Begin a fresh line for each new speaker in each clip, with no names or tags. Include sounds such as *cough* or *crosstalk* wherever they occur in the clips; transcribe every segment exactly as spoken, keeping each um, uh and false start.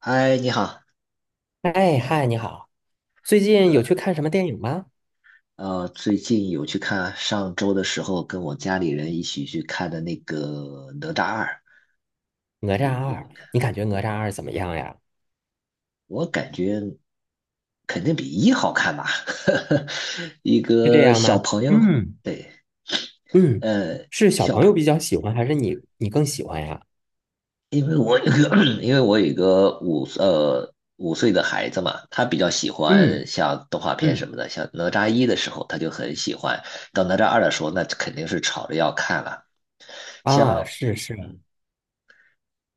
嗨，你好。
哎嗨，你好，最近有去看什么电影吗？
呃，最近有去看，上周的时候跟我家里人一起去看的那个《哪吒二》，
《哪吒
你有
二》，
没有看？
你感觉《哪吒二》怎么样呀？
我感觉肯定比一好看吧。*laughs* 一
是这
个
样
小
吗？
朋友。
嗯
对。
嗯，
呃，
是小
小
朋友
朋，
比较喜欢，还是你你更喜欢呀？
因为我有个，*coughs* *clears throat* 因为我有一个五呃五岁的孩子嘛，他比较喜
嗯
欢像动画片什
嗯，
么的，像哪吒一的时候他就很喜欢，到哪吒二的时候那肯定是吵着要看了。像。
啊，是是，
嗯。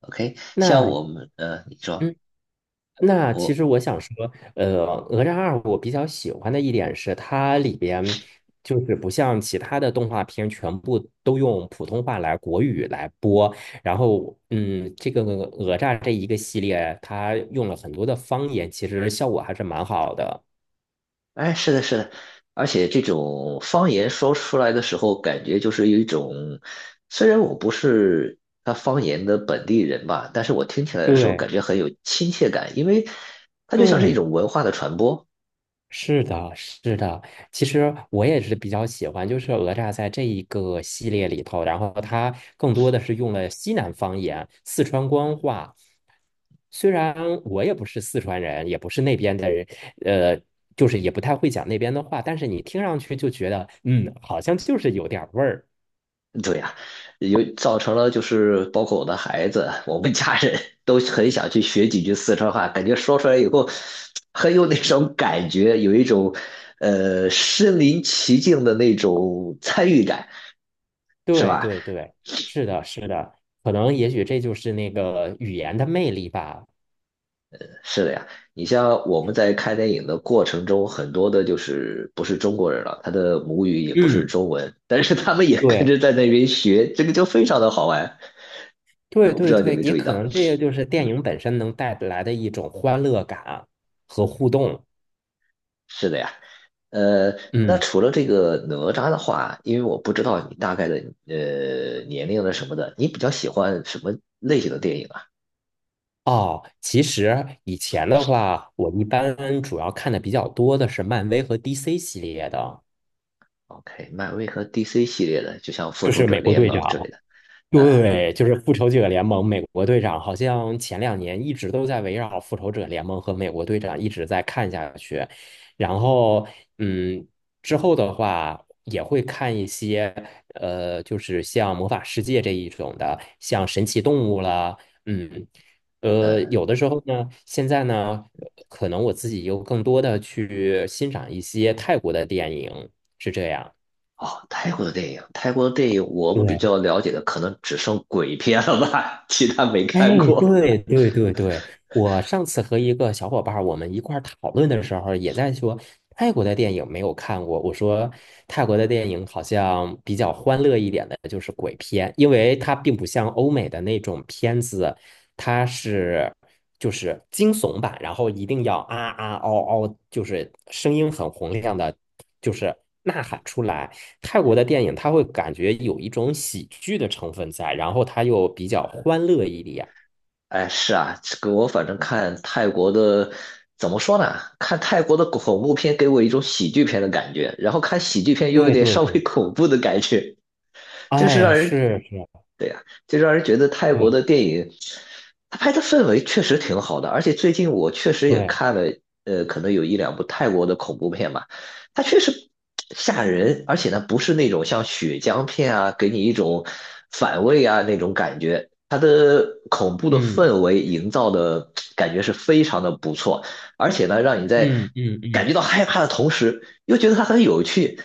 OK，像
那
我们呃，你说
嗯那其
我，
实我想说，呃，《哪吒二》我比较喜欢的一点是，它里边就是不像其他的动画片，全部都用普通话来国语来播。然后，嗯，这个哪吒这一个系列，它用了很多的方言，其实效果还是蛮好的。
哎，是的，是的。而且这种方言说出来的时候，感觉就是有一种，虽然我不是他方言的本地人吧，但是我听起来的时候
对
感觉很有亲切感，因为它就像是一
对，
种文化的传播。
是的，是的。其实我也是比较喜欢，就是哪吒在这一个系列里头，然后它更多的是用了西南方言、四川官话。虽然我也不是四川人，也不是那边的人，呃，就是也不太会讲那边的话，但是你听上去就觉得，嗯，好像就是有点儿味儿。
对呀、有造成了就是包括我的孩子，我们家人都很想去学几句四川话，感觉说出来以后很有那种感觉，有一种呃身临其境的那种参与感，是
对
吧？
对对，是的，是的，可能也许这就是那个语言的魅力吧。
是的呀。你像我们在看电影的过程中，很多的就是不是中国人了，他的母语也不是
嗯，
中文，但是他们也跟
对
着在那边学，这个就非常的好玩。
对
我不知
对
道你有
对，
没有
也
注意
可
到。
能这也就是电
嗯。
影本身能带来的一种欢乐感和互动。
是的呀。呃，那
嗯，
除了这个哪吒的话，因为我不知道你大概的呃年龄的什么的，你比较喜欢什么类型的电影啊
哦，其实以前的话，我一般主要看的比较多的是漫威和 D C 系列的。
？OK，漫威和 D C 系列的，就像复
就
仇
是
者
美国
联
队
盟之类
长，
的。呃
对，就是复仇者联盟。美国队长好像前两年一直都在围绕复仇者联盟和美国队长一直在看下去，然后嗯，之后的话也会看一些呃，就是像魔法世界这一种的，像神奇动物啦，嗯。呃，
呃，
有的时候呢，现在呢，可能我自己又更多的去欣赏一些泰国的电影，是这样。
哦，泰国的电影，泰国的电影我比
对
较了解的可能只剩鬼片了吧，*laughs* 其他没
哎，
看过。
对对对对，我上次和一个小伙伴儿我们一块儿讨论的时候，也在说泰国的电影没有看过。我说泰国的电影好像比较欢乐一点的，就是鬼片，因为它并不像欧美的那种片子，它是。就是惊悚版，然后一定要啊啊嗷嗷，就是声音很洪亮的，就是呐喊出来。泰国的电影它会感觉有一种喜剧的成分在，然后它又比较欢乐一点。
哎，是啊，这个我反正看泰国的，怎么说呢？看泰国的恐怖片给我一种喜剧片的感觉，然后看喜剧片又有
对
点
对
稍微
对，
恐怖的感觉，就是
哎，
让人
是是，
对呀，就让人觉得泰国
对
的电影，他拍的氛围确实挺好的。而且最近我确实也
对，
看了，呃，可能有一两部泰国的恐怖片吧，它确实吓人，而且呢不是那种像血浆片啊，给你一种反胃啊那种感觉，它的恐怖的
嗯
氛围营造的感觉是非常的不错。而且呢，让你在
嗯嗯
感觉
嗯，
到害怕的同时，又觉得它很有趣。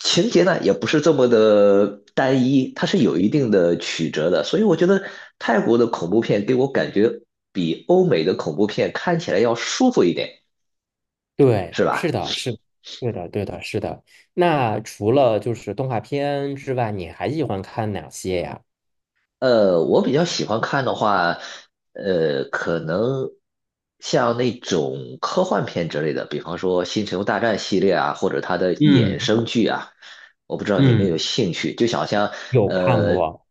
情节呢，也不是这么的单一，它是有一定的曲折的。所以我觉得泰国的恐怖片给我感觉比欧美的恐怖片看起来要舒服一点，
对，
是
是
吧？
的，是的对的，对的，是的。那除了就是动画片之外，你还喜欢看哪些呀？
呃，我比较喜欢看的话，呃，可能像那种科幻片之类的，比方说《星球大战》系列啊，或者它的衍
嗯
生剧啊，我不知道你有没有
嗯，
兴趣。就想像
有看
呃，
过。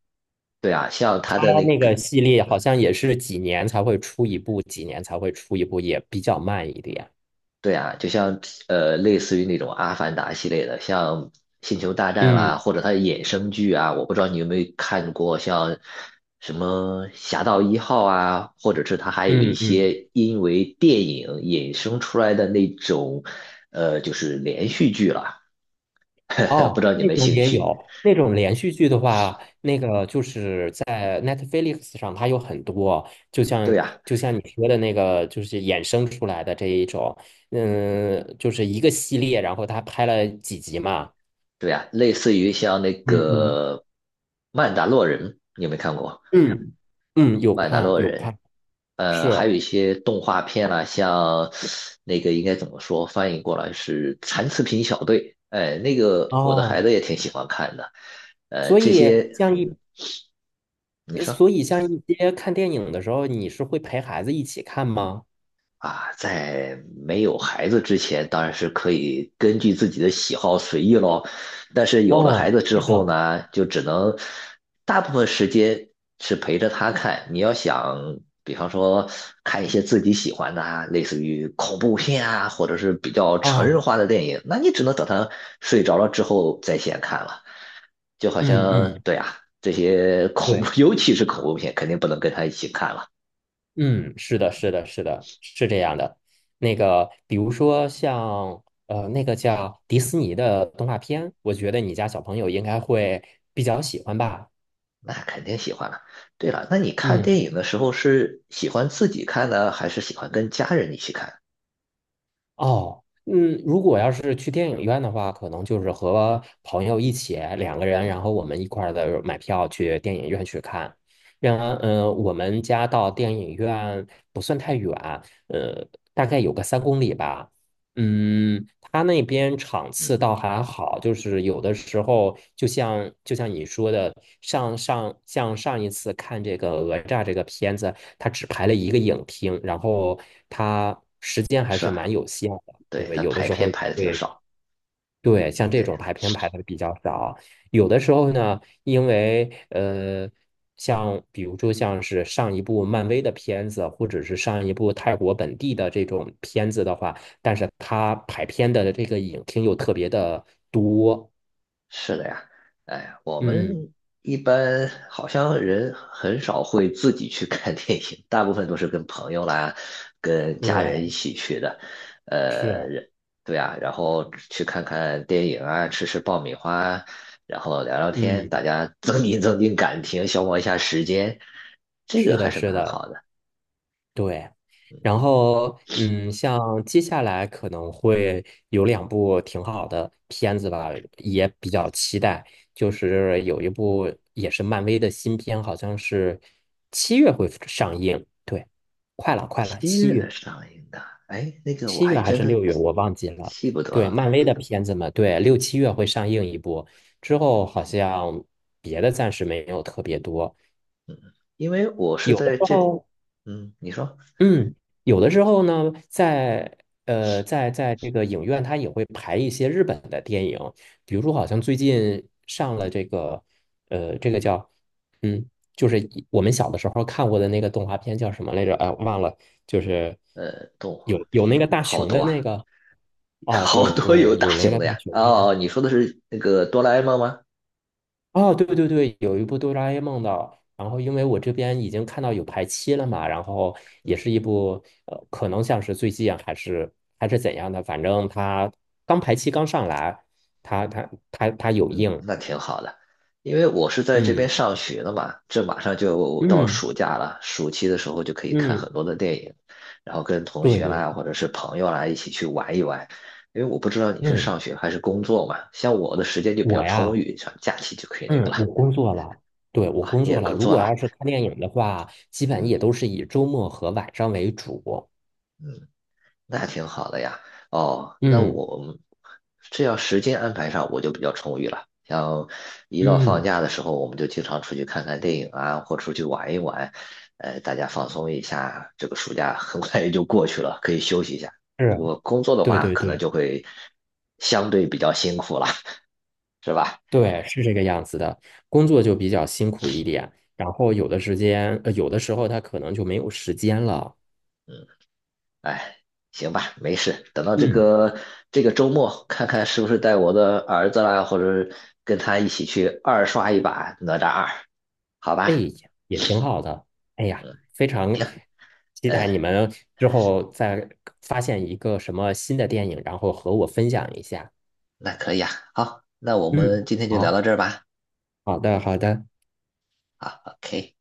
对啊，像它
它
的那
那
个
个系列好像也是几年才会出一部，几年才会出一部，也比较慢一点。
对啊，就像呃，类似于那种《阿凡达》系列的，像《星球大战》啦，
嗯
或者它的衍生剧啊，我不知道你有没有看过，像什么《侠盗一号》啊，或者是它还有一
嗯嗯，
些因为电影衍生出来的那种，呃，就是连续剧了，*laughs* 不知
哦，
道你
那
们
种
兴
也
趣？
有，那种连续剧的话，那个就是在 Netflix 上，它有很多，就
对
像
呀，
就像你说的那个，就是衍生出来的这一种，嗯，就是一个系列，然后它拍了几集嘛。
对呀，类似于像那
嗯嗯
个《曼达洛人》，你有没有看过？
嗯嗯，有
曼达
看
洛
有
人。
看，
呃，还
是
有一些动画片啊，像那个应该怎么说，翻译过来是《残次品小队》，哎，那个我的孩
哦。
子也挺喜欢看的。呃，
所
这
以
些，
像
嗯，
一
你
呃
说。
所以像一些看电影的时候，你是会陪孩子一起看吗？
啊，在没有孩子之前，当然是可以根据自己的喜好随意咯。但是有了孩
哦，
子之
是
后
的，
呢，就只能大部分时间是陪着他看。你要想，比方说看一些自己喜欢的啊，类似于恐怖片啊，或者是比较成人
啊，
化的电影，那你只能等他睡着了之后在线看了。就好
嗯
像，
嗯，
对啊，这些恐怖，
对，
*laughs* 尤其是恐怖片，肯定不能跟他一起看了。
嗯，是的，是的，是的，是这样的。那个，比如说像呃，那个叫迪士尼的动画片，我觉得你家小朋友应该会比较喜欢吧。
那肯定喜欢了。对了，那你看
嗯。
电影的时候是喜欢自己看呢，还是喜欢跟家人一起看？
哦，嗯，如果要是去电影院的话，可能就是和朋友一起两个人，
嗯
然后我们一块儿的买票去电影院去看。然后，呃，我们家到电影院不算太远，呃，大概有个三公里吧。嗯，他那边场次
嗯。
倒还好，就是有的时候就像就像你说的，上上像上一次看这个《讹诈这个片子，它只排了一个影厅，然后它时间还
是
是
啊，
蛮有限的。
对，
对，
他
有的
排
时候
片
也
排的挺
会
少。
对，像这种
对。
排片排的比较少，有的时候呢，因为呃，像比如说像是上一部漫威的片子，或者是上一部泰国本地的这种片子的话，但是它排片的这个影厅又特别的多。
是的呀。哎，我
嗯，
们一般好像人很少会自己去 *laughs* 看电影，大部分都是跟朋友啦、跟家人一
对，
起去的。呃，
是，
人对啊，然后去看看电影啊，吃吃爆米花，然后聊聊天，
嗯，
大家增进增进感情，消磨一下时间，这
是
个还
的，
是
是
蛮
的。
好的。
对，然后嗯，像接下来可能会有两部挺好的片子吧，也比较期待。就是有一部也是漫威的新片，好像是七月会上映。对，快了，快了，
七
七
月
月，
的上映的，哎，那个我
七
还
月还
真
是
的
六月，我忘记了。
记不得
对，
了，
漫威的片子嘛，对，六七月会上映一部，之后好像别的暂时没有特别多。
因为我是
有的
在
时
这，
候
嗯，你说。
嗯，有的时候呢，在呃，在在这个影院，它也会排一些日本的电影，比如说，好像最近上了这个，呃，这个叫，嗯，就是一我们小的时候看过的那个动画片叫什么来着？哎，忘了，就是
呃，动画
有有那
片
个大
好
熊
多
的那
啊，
个，
*laughs*
哦，
好
对
多有
对，
大
有那
型
个
的
大
呀。
熊的，
哦，哦你说的是那个哆啦 A 梦吗？
哦，对对对，有一部《哆啦 A 梦》的，然后因为我这边已经看到有排期了嘛，然后也是一部呃，可能像是最近啊还是还是怎样的，反正它刚排期刚上来，它它它它有
嗯，
映，
那挺好的，因为我是在这边
嗯
上学的嘛，这马上就到
嗯
暑假了，暑期的时候就可以看
嗯，
很多的电影，然后跟同
对
学
对对，
啦或者是朋友啦一起去玩一玩。因为我不知道你是
嗯，
上学还是工作嘛，像我的时间就比较
我
充
呀，
裕，像假期就可以那个
嗯，
了。
我工作了，对，我
啊，
工
你也
作了，
工
如
作
果
了。
要是看电影的话，基本
嗯
也都是以周末和晚上为主，
嗯，那挺好的呀。哦，那
嗯
我们这要时间安排上，我就比较充裕了。像一到放
嗯，
假的时候，我们就经常出去看看电影啊，或出去玩一玩。呃，大家放松一下。这个暑假很快也就过去了，可以休息一下。不
是，
过工作的
对
话，
对
可能
对。
就会相对比较辛苦了，是吧？
对，是这个样子的，工作就比较辛苦一点，然后有的时间，呃，有的时候他可能就没有时间了。
嗯，哎，行吧，没事。等到这
嗯，
个这个周末，看看是不是带我的儿子啦，或者跟他一起去二刷一把《哪吒二》。好
哎
吧。
呀，也挺好的。哎呀，非常期
嗯，
待你们之后再发现一个什么新的电影，然后和我分享一下。
那可以啊，好，那我
嗯，
们今天就聊
好，
到这儿吧。
好的，好的。
好，OK。